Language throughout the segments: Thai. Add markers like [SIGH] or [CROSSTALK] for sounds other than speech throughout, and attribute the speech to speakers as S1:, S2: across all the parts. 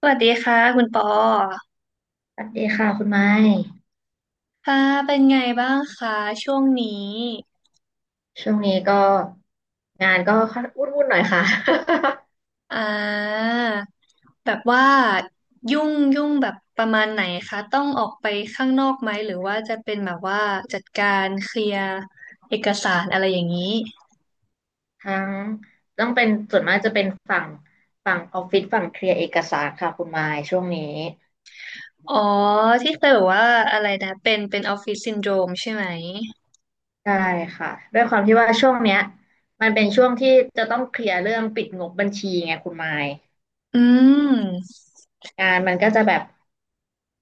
S1: สวัสดีค่ะคุณปอ
S2: สวัสดีค่ะคุณไม้
S1: ค่ะเป็นไงบ้างคะช่วงนี้
S2: ช่วงนี้ก็งานก็วุ่นหน่อยค่ะ
S1: อ่าแบบว่ายุ่งยุ่งแบบประมาณไหนคะต้องออกไปข้างนอกไหมหรือว่าจะเป็นแบบว่าจัดการเคลียร์เอกสารอะไรอย่างนี้
S2: [LAUGHS] ทั้งต้องเป็นส่วนมากจะเป็นฝั่งออฟฟิศฝั่งเคลียร์เอกสารค่ะคุณไม้ช่วงนี้
S1: อ๋อที่เคยบอกว่าอะไรนะเป็นเป็นออฟฟิศซินโดรมใช่ไหม
S2: ใช่ค่ะด้วยความที่ว่าช่วงเนี้ยมันเป็นช่วงที่จะต้องเคลียร์เรื่องปิดงบบัญชีไงคุณไม้
S1: อืม
S2: งานมันก็จะแบบ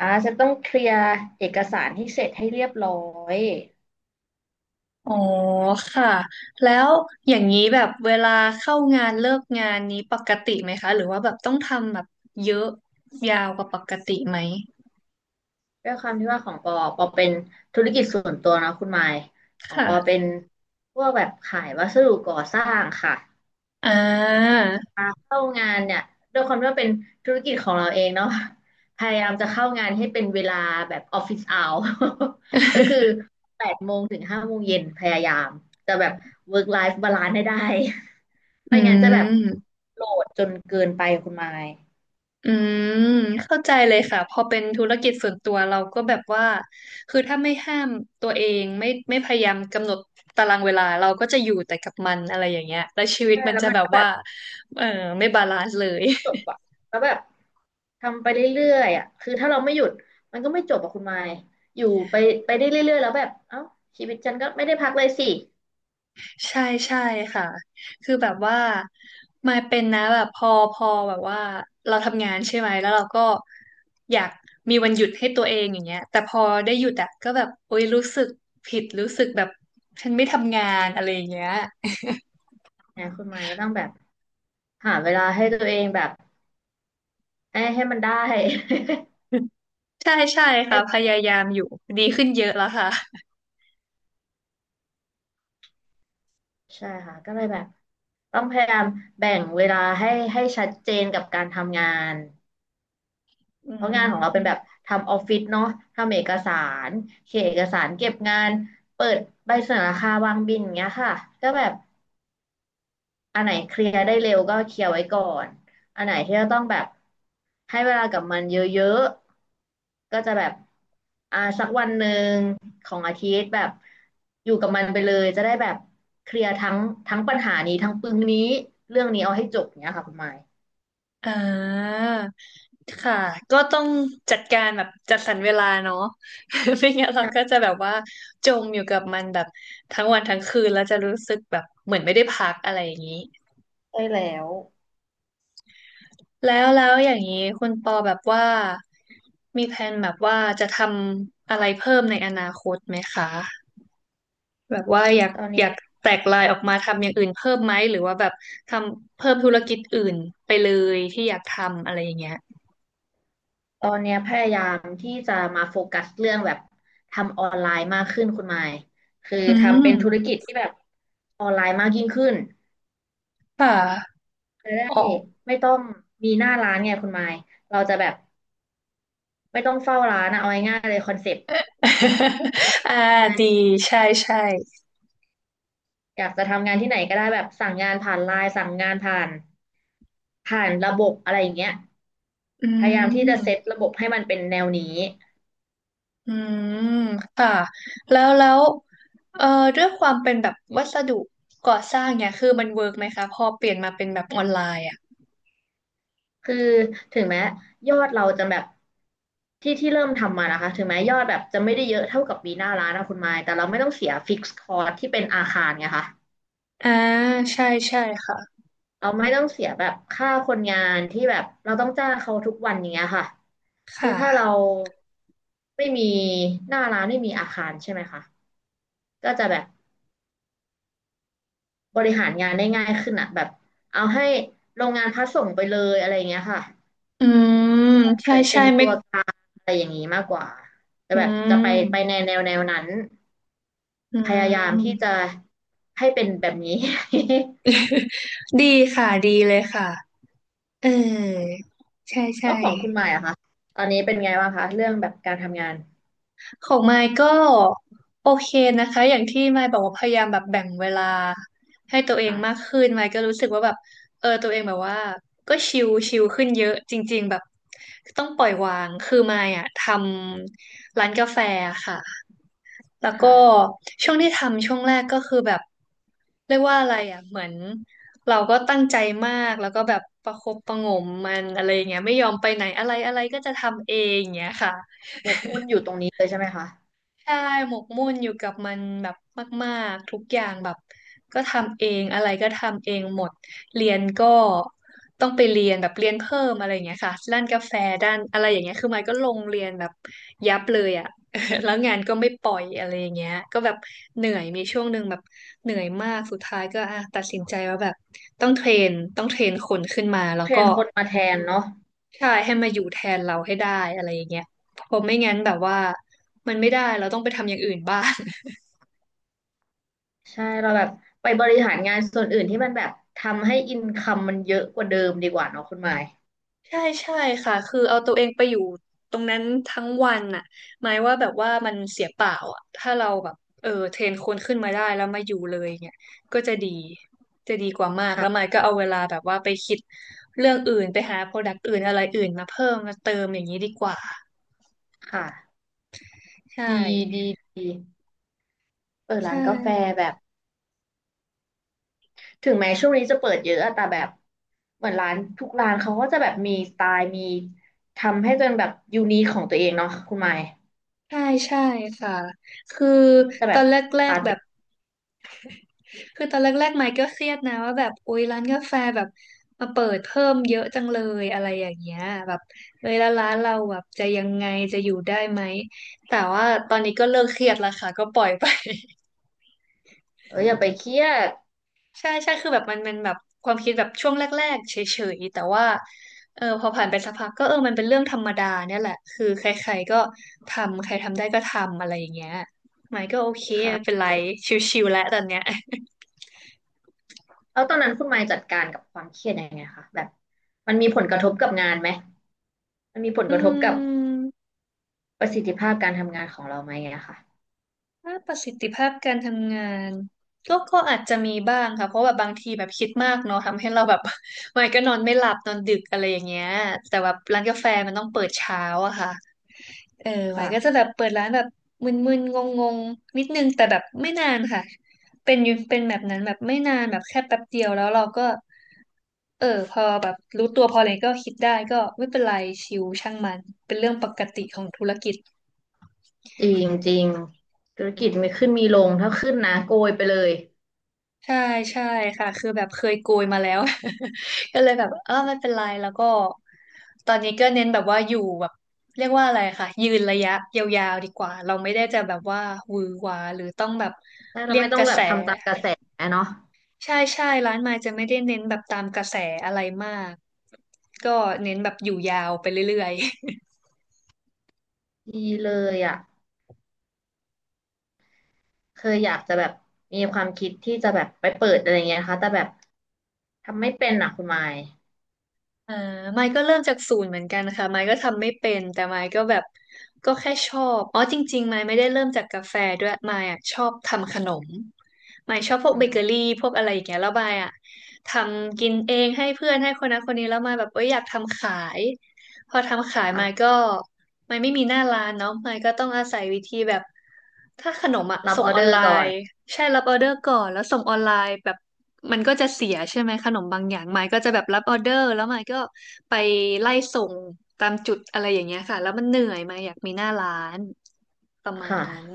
S2: จะต้องเคลียร์เอกสารให้เสร็จให้เรียบร้อย
S1: อ๋อค่ะแล้วอย่างนี้แบบเวลาเข้างานเลิกงานนี้ปกติไหมคะหรือว่าแบบต้องทำแบบเยอะยาวกว่าปกติไหม
S2: ด้วยความที่ว่าของปอเป็นธุรกิจส่วนตัวนะคุณไมค์ของปอเป็
S1: ค่ะ
S2: นพวกแบบขายวัสดุก่อสร้างค่ะ
S1: อ่า
S2: มาเข้างานเนี่ยด้วยความที่ว่าเป็นธุรกิจของเราเองเนาะพยายามจะเข้างานให้เป็นเวลาแบบออฟฟิศเอา [LAUGHS] ก็คือ
S1: [LAUGHS]
S2: แปดโมงถึงห้าโมงเย็นพยายามจะแบบ work life balance ให้ได้ [LAUGHS]
S1: อื
S2: ไม่งั้นจะแบบ
S1: ม
S2: โหลดจนเกินไปคุณไมค์
S1: อืมเข้าใจเลยค่ะพอเป็นธุรกิจส่วนตัวเราก็แบบว่าคือถ้าไม่ห้ามตัวเองไม่พยายามกำหนดตารางเวลาเราก็จะอยู่แต่กับมันอะไรอย่างเงี้ยแล้วชีวิต
S2: ใช่
S1: มัน
S2: แล้ว
S1: จะ
S2: มัน
S1: แบบ
S2: ก็แบ
S1: ว่า
S2: บ
S1: เออไม่บาลานซ์เลย
S2: จบอะแล้วแบบทำไปเรื่อยๆอะคือถ้าเราไม่หยุดมันก็ไม่จบอะคุณไมค์อยู่ไปได้เรื่อยๆแล้วแบบเอ้าชีวิตฉันก็ไม่ได้พักเลยสิ
S1: ใช่ใช่ค่ะคือแบบว่ามาเป็นนะแบบพอแบบว่าเราทำงานใช่ไหมแล้วเราก็อยากมีวันหยุดให้ตัวเองอย่างเงี้ยแต่พอได้หยุดอะก็แบบโอ๊ยรู้สึกผิดรู้สึกแบบฉันไม่ทำงานอะไรอย่างเงี้ย
S2: นะคุณไมค์ก็ต้องแบบหาเวลาให้ตัวเองแบบให้มันได้ [LAUGHS]
S1: ใช่ใช่ค่ะพ
S2: ให้
S1: ยายามอยู่ดีขึ้นเยอะแล้วค่ะ
S2: ใช่ค่ะก็เลยแบบต้องพยายามแบ่งเวลาให้ชัดเจนกับการทำงาน
S1: อื
S2: เพราะงานของเราเป็นแบบ
S1: ม
S2: ทำออฟฟิศเนาะทำเอกสารเขียนเอกสารเก็บงานเปิดใบเสนอราคาวางบินอย่างเงี้ยค่ะก็แบบ อันไหนเคลียร์ได้เร็วก็เคลียร์ไว้ก่อนอันไหนที่เราต้องแบบให้เวลากับมันเยอะๆก็จะแบบสักวันหนึ่งของอาทิตย์แบบอยู่กับมันไปเลยจะได้แบบเคลียร์ทั้งปัญหานี้ทั้งปึงนี้เรื่องนี้เอาให้จบเนี้ยค่ะคุณหมาย
S1: อ่า ค่ะก็ต้องจัดการแบบจัดสรรเวลาเนาะ [LAUGHS] ไม่งั้นเราก็
S2: ใช่
S1: จะแบบว่าจมอยู่กับมันแบบทั้งวันทั้งคืนแล้วจะรู้สึกแบบเหมือนไม่ได้พักอะไรอย่างนี้
S2: ใช่แล้ว
S1: แล้วอย่างนี้คุณปอแบบว่ามีแผนแบบว่าจะทำอะไรเพิ่มในอนาคตไหมคะแบบว่าอยาก
S2: ตอน
S1: อ
S2: นี้
S1: ยากแตกลายออกมาทำอย่างอื่นเพิ่มไหมหรือว่าแบบทำเพิ่มธุรกิจอื่นไปเลยที่อยากทำอะไรอย่างเงี้ย
S2: ตอนเนี้ยพยายามที่จะมาโฟกัสเรื่องแบบทำออนไลน์มากขึ้นคุณหมายคือ
S1: อื
S2: ทำเป็นธุร
S1: ม
S2: กิจที่แบบออนไลน์มากยิ่งขึ้น
S1: ค่ะ
S2: จะได้
S1: อ๋อ
S2: ไม่ต้องมีหน้าร้านไงคุณไมค์เราจะแบบไม่ต้องเฝ้าร้านอะเอาง่ายๆเลยคอนเซ็ปต์
S1: [LAUGHS] อ่า
S2: งาน
S1: ดีใช่ใช่
S2: อยากจะทำงานที่ไหนก็ได้แบบสั่งงานผ่านไลน์สั่งงานผ่านระบบอะไรอย่างเงี้ย
S1: อื
S2: พยายามที่จะเซต
S1: ม
S2: ระบบให้มันเป็นแนวนี้
S1: อืมค่ะแล้วเอ่อด้วยความเป็นแบบวัสดุก่อสร้างเนี่ยคือมันเวิร์กไหมคะพอเปลี่ยนมาเป็นแบบออนไลน์อ่ะ
S2: คือถึงแม้ยอดเราจะแบบที่เริ่มทำมานะคะถึงแม้ยอดแบบจะไม่ได้เยอะเท่ากับปีหน้าร้านนะคุณไมค์แต่เราไม่ต้องเสียฟิกซ์คอร์สที่เป็นอาคารไงคะ
S1: อ่าใช่ใช่ค่ะ
S2: เราไม่ต้องเสียแบบค่าคนงานที่แบบเราต้องจ้างเขาทุกวันอย่างเงี้ยค่ะคือถ้าเรา
S1: ค่ะ
S2: ไม่มีหน้าร้านไม่มีอาคารใช่ไหมคะก็จะแบบบริหารงานได้ง่ายขึ้นอะแบบเอาให้โรงงานพัสส่งไปเลยอะไรอย่างเงี้ยค่ะ
S1: อืม
S2: เห
S1: ใช่
S2: มือนเป็
S1: ใช่
S2: น
S1: ไม่
S2: ตัวกลางอะไรอย่างนี้มากกว่าแต่
S1: อื
S2: แบบจะไปใน
S1: ม
S2: แนวแนวนั้น
S1: อื
S2: พยายามที่
S1: ม
S2: จะให้เป็นแบบนี้
S1: [LAUGHS] ดีค่ะดีเลยค่ะเออใช่
S2: [LAUGHS] แล้
S1: ใช่
S2: วของคุณหมายอะคะตอนนี้เป็นไงบ้างคะเรื่องแบบการทำงาน
S1: ของไมค์ก็โอเคนะคะอย่างที่ไมค์บอกว่าพยายามแบบแบ่งเวลาให้ตัวเองมาก
S2: ค่ะ
S1: ขึ้นไมค์ก็รู้สึกว่าแบบเออตัวเองแบบว่าก็ชิลชิลขึ้นเยอะจริงๆแบบต้องปล่อยวางคือไมค์อะทำร้านกาแฟค่ะแล้วก็
S2: ค่ะ
S1: ช่วงที่ทำช่วงแรกก็คือแบบเรียกว่าอะไรอะเหมือนเราก็ตั้งใจมากแล้วก็แบบประคบประหงมมันอะไรอย่างเงี้ยไม่ยอมไปไหนอะไรอะไรก็จะทำเองอย่างเงี้ยค่ะ
S2: หมกมุ่นอยู่ตรงนี้เลยใช่ไหมคะ
S1: ใช่หมกมุ่นอยู่กับมันแบบมากๆทุกอย่างแบบก็ทำเองอะไรก็ทำเองหมดเรียนก็ต้องไปเรียนแบบเรียนเพิ่มอะไรอย่างเงี้ยค่ะด้านกาแฟด้านอะไรอย่างเงี้ยคือมันก็ลงเรียนแบบยับเลยอ่ะ [LAUGHS] แล้วงานก็ไม่ปล่อยอะไรอย่างเงี้ยก็แบบเหนื่อยมีช่วงหนึ่งแบบเหนื่อยมากสุดท้ายก็อ่ะตัดสินใจว่าแบบต้องเทรนคนขึ้นมาแล้ว
S2: เทร
S1: ก็
S2: นคนมาแทนเนาะ
S1: ใช่ให้มาอยู่แทนเราให้ได้อะไรอย่างเงี้ยเพราะไม่งั้นแบบว่ามันไม่ได้เราต้องไปทำอย่างอื่น [LAUGHS] บ้าง
S2: ใช่เราแบบไปบริหารงานส่วนอื่นที่มันแบบทำให้อินคัมมันเยอะกว่าเดิมดีกว่าเนาะคุณหมาย
S1: ใช่ใช่ค่ะคือเอาตัวเองไปอยู่ตรงนั้นทั้งวันน่ะหมายว่าแบบว่ามันเสียเปล่าอ่ะถ้าเราแบบเออเทรนคนขึ้นมาได้แล้วมาอยู่เลยเนี่ยก็จะดีกว่ามากแล้วหมา
S2: ค่ะ
S1: ยก็เอาเวลาแบบว่าไปคิดเรื่องอื่นไปหาโปรดักต์อื่นอะไรอื่นมาเพิ่มมาเติมอย่างนี้ดีกว่า
S2: ค่ะ
S1: ใช่
S2: ดีดีดีเออร้า
S1: ใช่
S2: นกาแฟแบบถึงแม้ช่วงนี้จะเปิดเยอะอะแต่แบบเหมือนร้านทุกร้านเขาก็จะแบบมีสไตล์มีทำให้เป็นแบบยูนิคของตัวเองเนาะคุณหมาย
S1: ใช่ใช่ค่ะคือ
S2: ที่จะ
S1: ต
S2: แบ
S1: อ
S2: บ
S1: นแรก
S2: ปาร์
S1: ๆแบ
S2: ตี้
S1: บ คือตอนแรกๆไมค์ก็เครียดนะว่าแบบอุ๊ยร้านกาแฟแบบมาเปิดเพิ่มเยอะจังเลยอะไรอย่างเงี้ยแบบเอ้ยแล้วร้านเราแบบจะยังไงจะอยู่ได้ไหมแต่ว่าตอนนี้ก็เลิกเครียดแล้วค่ะก็ปล่อยไป [LAUGHS]
S2: เอออย่าไปเครียด
S1: ใช่ใช่คือแบบมันแบบความคิดแบบช่วงแรกๆเฉยๆแต่ว่าเออพอผ่านไปสักพักก็เออมันเป็นเรื่องธรรมดาเนี่ยแหละคือใครๆก็ทำใครทำได้ก็ทำอะไรอย่างเงี้ยไมค์ก็โอเคไม่เป็น
S2: ค่ะ
S1: ไรชิวๆแล้วตอนเนี้ย
S2: แล้วตอนนั้นคุณไมค์จัดการกับความเครียดยังไงคะแบบมันมีผลกระทบกับงานไหมมันมีผล
S1: [LAUGHS] อื
S2: กระทบกับ
S1: ม
S2: ประสิทธิภาพการทำงานของเราไหมอะค่ะ
S1: ถ้าประสิทธิภาพการทำงานก็อาจจะมีบ้างค่ะเพราะแบบบางทีแบบคิดมากเนาะทำให้เราแบบ [LAUGHS] วันก็นอนไม่หลับนอนดึกอะไรอย่างเงี้ยแต่ว่าร้านกาแฟมันต้องเปิดเช้าอะค่ะเออไว้
S2: ค่ะ
S1: ก็จะแบบเปิดร้านแบบมึนๆงงๆนิดนึงแต่แบบไม่นานค่ะเป็นอยู่เป็นแบบนั้นแบบไม่นานแบบแค่แป๊บเดียวแล้วเราก็เออพอแบบรู้ตัวพออะไรก็คิดได้ก็ไม่เป็นไรชิวช่างมันเป็นเรื่องปกติของธุรกิจ
S2: จริงจริงธุรกิจมีขึ้นมีลงถ้าขึ้นนะโกยไปเลย
S1: ใช่ใช่ค่ะคือแบบเคยโกยมาแล้ว [LAUGHS] ก็เลยแบบไม่เป็นไรแล้วก็ตอนนี้ก็เน้นแบบว่าอยู่แบบเรียกว่าอะไรค่ะยืนระยะยาวๆดีกว่าเราไม่ได้จะแบบว่าหวือหวาหรือต้องแบบ
S2: ถ้าเรา
S1: เรียก
S2: ไม่ต้อ
S1: ก
S2: ง
S1: ระ
S2: แบ
S1: แส
S2: บทำตามกระแสเนาะ
S1: ใช่ใช่ร้านไม้จะไม่ได้เน้นแบบตามกระแสอะไรมากก็เน้นแบบอยู่ยาวไปเรื่อยๆ
S2: ดีเลยอะเคยอยากจะแบบมีความคิดที่จะแบบไปเปิดอะไรเงี้ยนะคะแต่แบบทำไม่เป็นอะคุณไมค์
S1: อ่าไมค์ก็เริ่มจากศูนย์เหมือนกันค่ะไมค์ก็ทำไม่เป็นแต่ไมค์ก็แบบก็แค่ชอบอ๋อจริงๆไมค์ไม่ได้เริ่มจากกาแฟด้วยไมค์อะชอบทำขนมไมค์ชอบพวก
S2: อื
S1: เบ
S2: ม
S1: เกอรี่พวกอะไรอย่างเงี้ยแล้วไมค์อะทำกินเองให้เพื่อนให้คนนั้นคนนี้แล้วไมค์แบบเอ้ยอยากทำขาย พอทำขาย
S2: ค่ะ
S1: มาก็มันไม่มีหน้าร้านเนาะมันก็ต้องอาศัยวิธีแบบถ้าขนมอะ
S2: รับ
S1: ส่
S2: อ
S1: ง
S2: อ
S1: อ
S2: เด
S1: อน
S2: อ
S1: ไล
S2: ร์ก่อน
S1: น์ใช่รับออเดอร์ก่อนแล้วส่งออนไลน์แบบมันก็จะเสียใช่ไหมขนมบางอย่างมายก็จะแบบรับออเดอร์แล้วมายก็ไปไล่ส่งตามจุดอะไรอย่างเงี้ยค่ะแล้วมันเหนื่อยมายอยากมีหน้าร้านประมาณ
S2: ค่ะ
S1: นั้น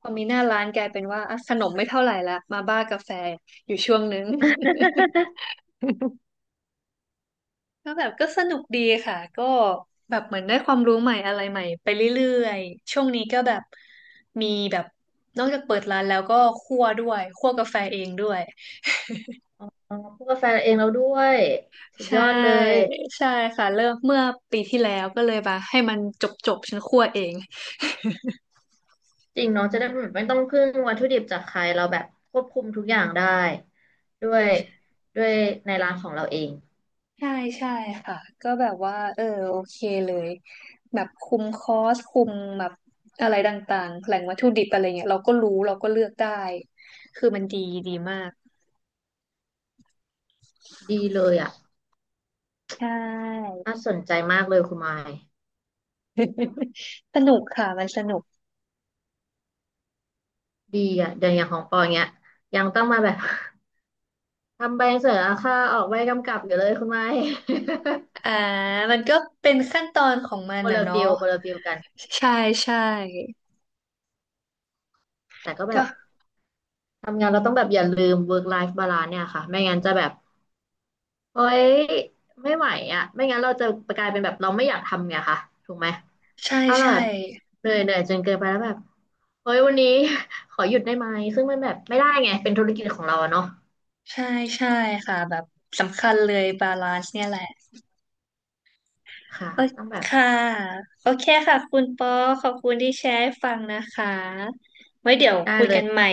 S1: พอมีหน้าร้านกลายเป็นว่าอ่ะขนม
S2: อื
S1: ไม่
S2: ม
S1: เท่าไหร่ละมาบ้ากาแฟอยู่ช่วงนึง ก็แบบก็สนุกดีค่ะก็แบบเหมือนได้ความรู้ใหม่อะไรใหม่ไปเรื่อยๆช่วงนี้ก็แบบมีแบบนอกจากเปิดร้านแล้วก็คั่วด้วยคั่วกาแฟเองด้วย
S2: อ๋อพูดกาแฟเองแล้วด้วยสุด
S1: ใช่
S2: ยอดเลย
S1: ใช่ค่ะเริ่มเมื่อปีที่แล้วก็เลยมาให้มันจบจบฉันคั่วเอง
S2: จริงเนาะจะได้แบบไม่ต้องพึ่งวัตถุดิบจากใครเราแบบควบคุมทุกอย่างได้ด้วยด้วยในร้านของเราเอง
S1: [LAUGHS] ใช่ใช่ค่ะก็แบบว่าโอเคเลยแบบคุมคอสคุมแบบอะไรต่างๆแหล่งวัตถุดิบอะไรเงี้ยเราก็รู้เราก็เลือกได้คือมันดีดีมาก
S2: ดีเลยอ่ะ
S1: ใช่
S2: น่าสนใจมากเลยคุณไมค์
S1: [LAUGHS] สนุกค่ะมันสนุก
S2: ดีอ่ะเดี๋ยวอย่างของปอเนี้ยยังต้องมาแบบ [LAUGHS] ทำใบเสนอราคาออกใบกำกับอยู่เลยคุณไมค์
S1: อ่ามันก็เป็นขั้นตอนของมัน
S2: [LAUGHS] คน
S1: อ่ะ
S2: ละ
S1: เนาะ
S2: ฟิลคนละฟิลกัน
S1: ใช่ใช่
S2: แต่ก็แบ
S1: ก็
S2: บทำงานเราต้องแบบอย่าลืม work life balance เนี่ยค่ะไม่งั้นจะแบบ เฮ้ยไม่ไหวอ่ะไม่งั้นเราจะกลายเป็นแบบเราไม่อยากทำไงคะถูกไหม
S1: ใช่
S2: ถ้าเราแบ
S1: ใช่
S2: บเหนื่อยจนเกินไปแล้วแบบเฮ้ยวันนี้ [LAUGHS] ขอหยุดได้ไหมซึ่งมันแบบไม่ได้ไงเป็นธุรกิจของเราอะเนาะ
S1: ใช่ใช่ค่ะแบบสำคัญเลยบาลานซ์เนี่ยแหละ
S2: ค่ะ
S1: โอเค
S2: ต้องแบบ
S1: ค่ะโอเคค่ะคุณปอขอบคุณที่แชร์ให้ฟังนะคะไว้เดี๋ยว
S2: ได้
S1: คุย
S2: เล
S1: กัน
S2: ย
S1: ใหม่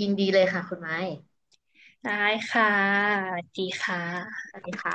S2: ยินดีเลยค่ะคุณไม้
S1: ได้ค่ะสวัสดีค่ะ
S2: สวัสดีค่ะ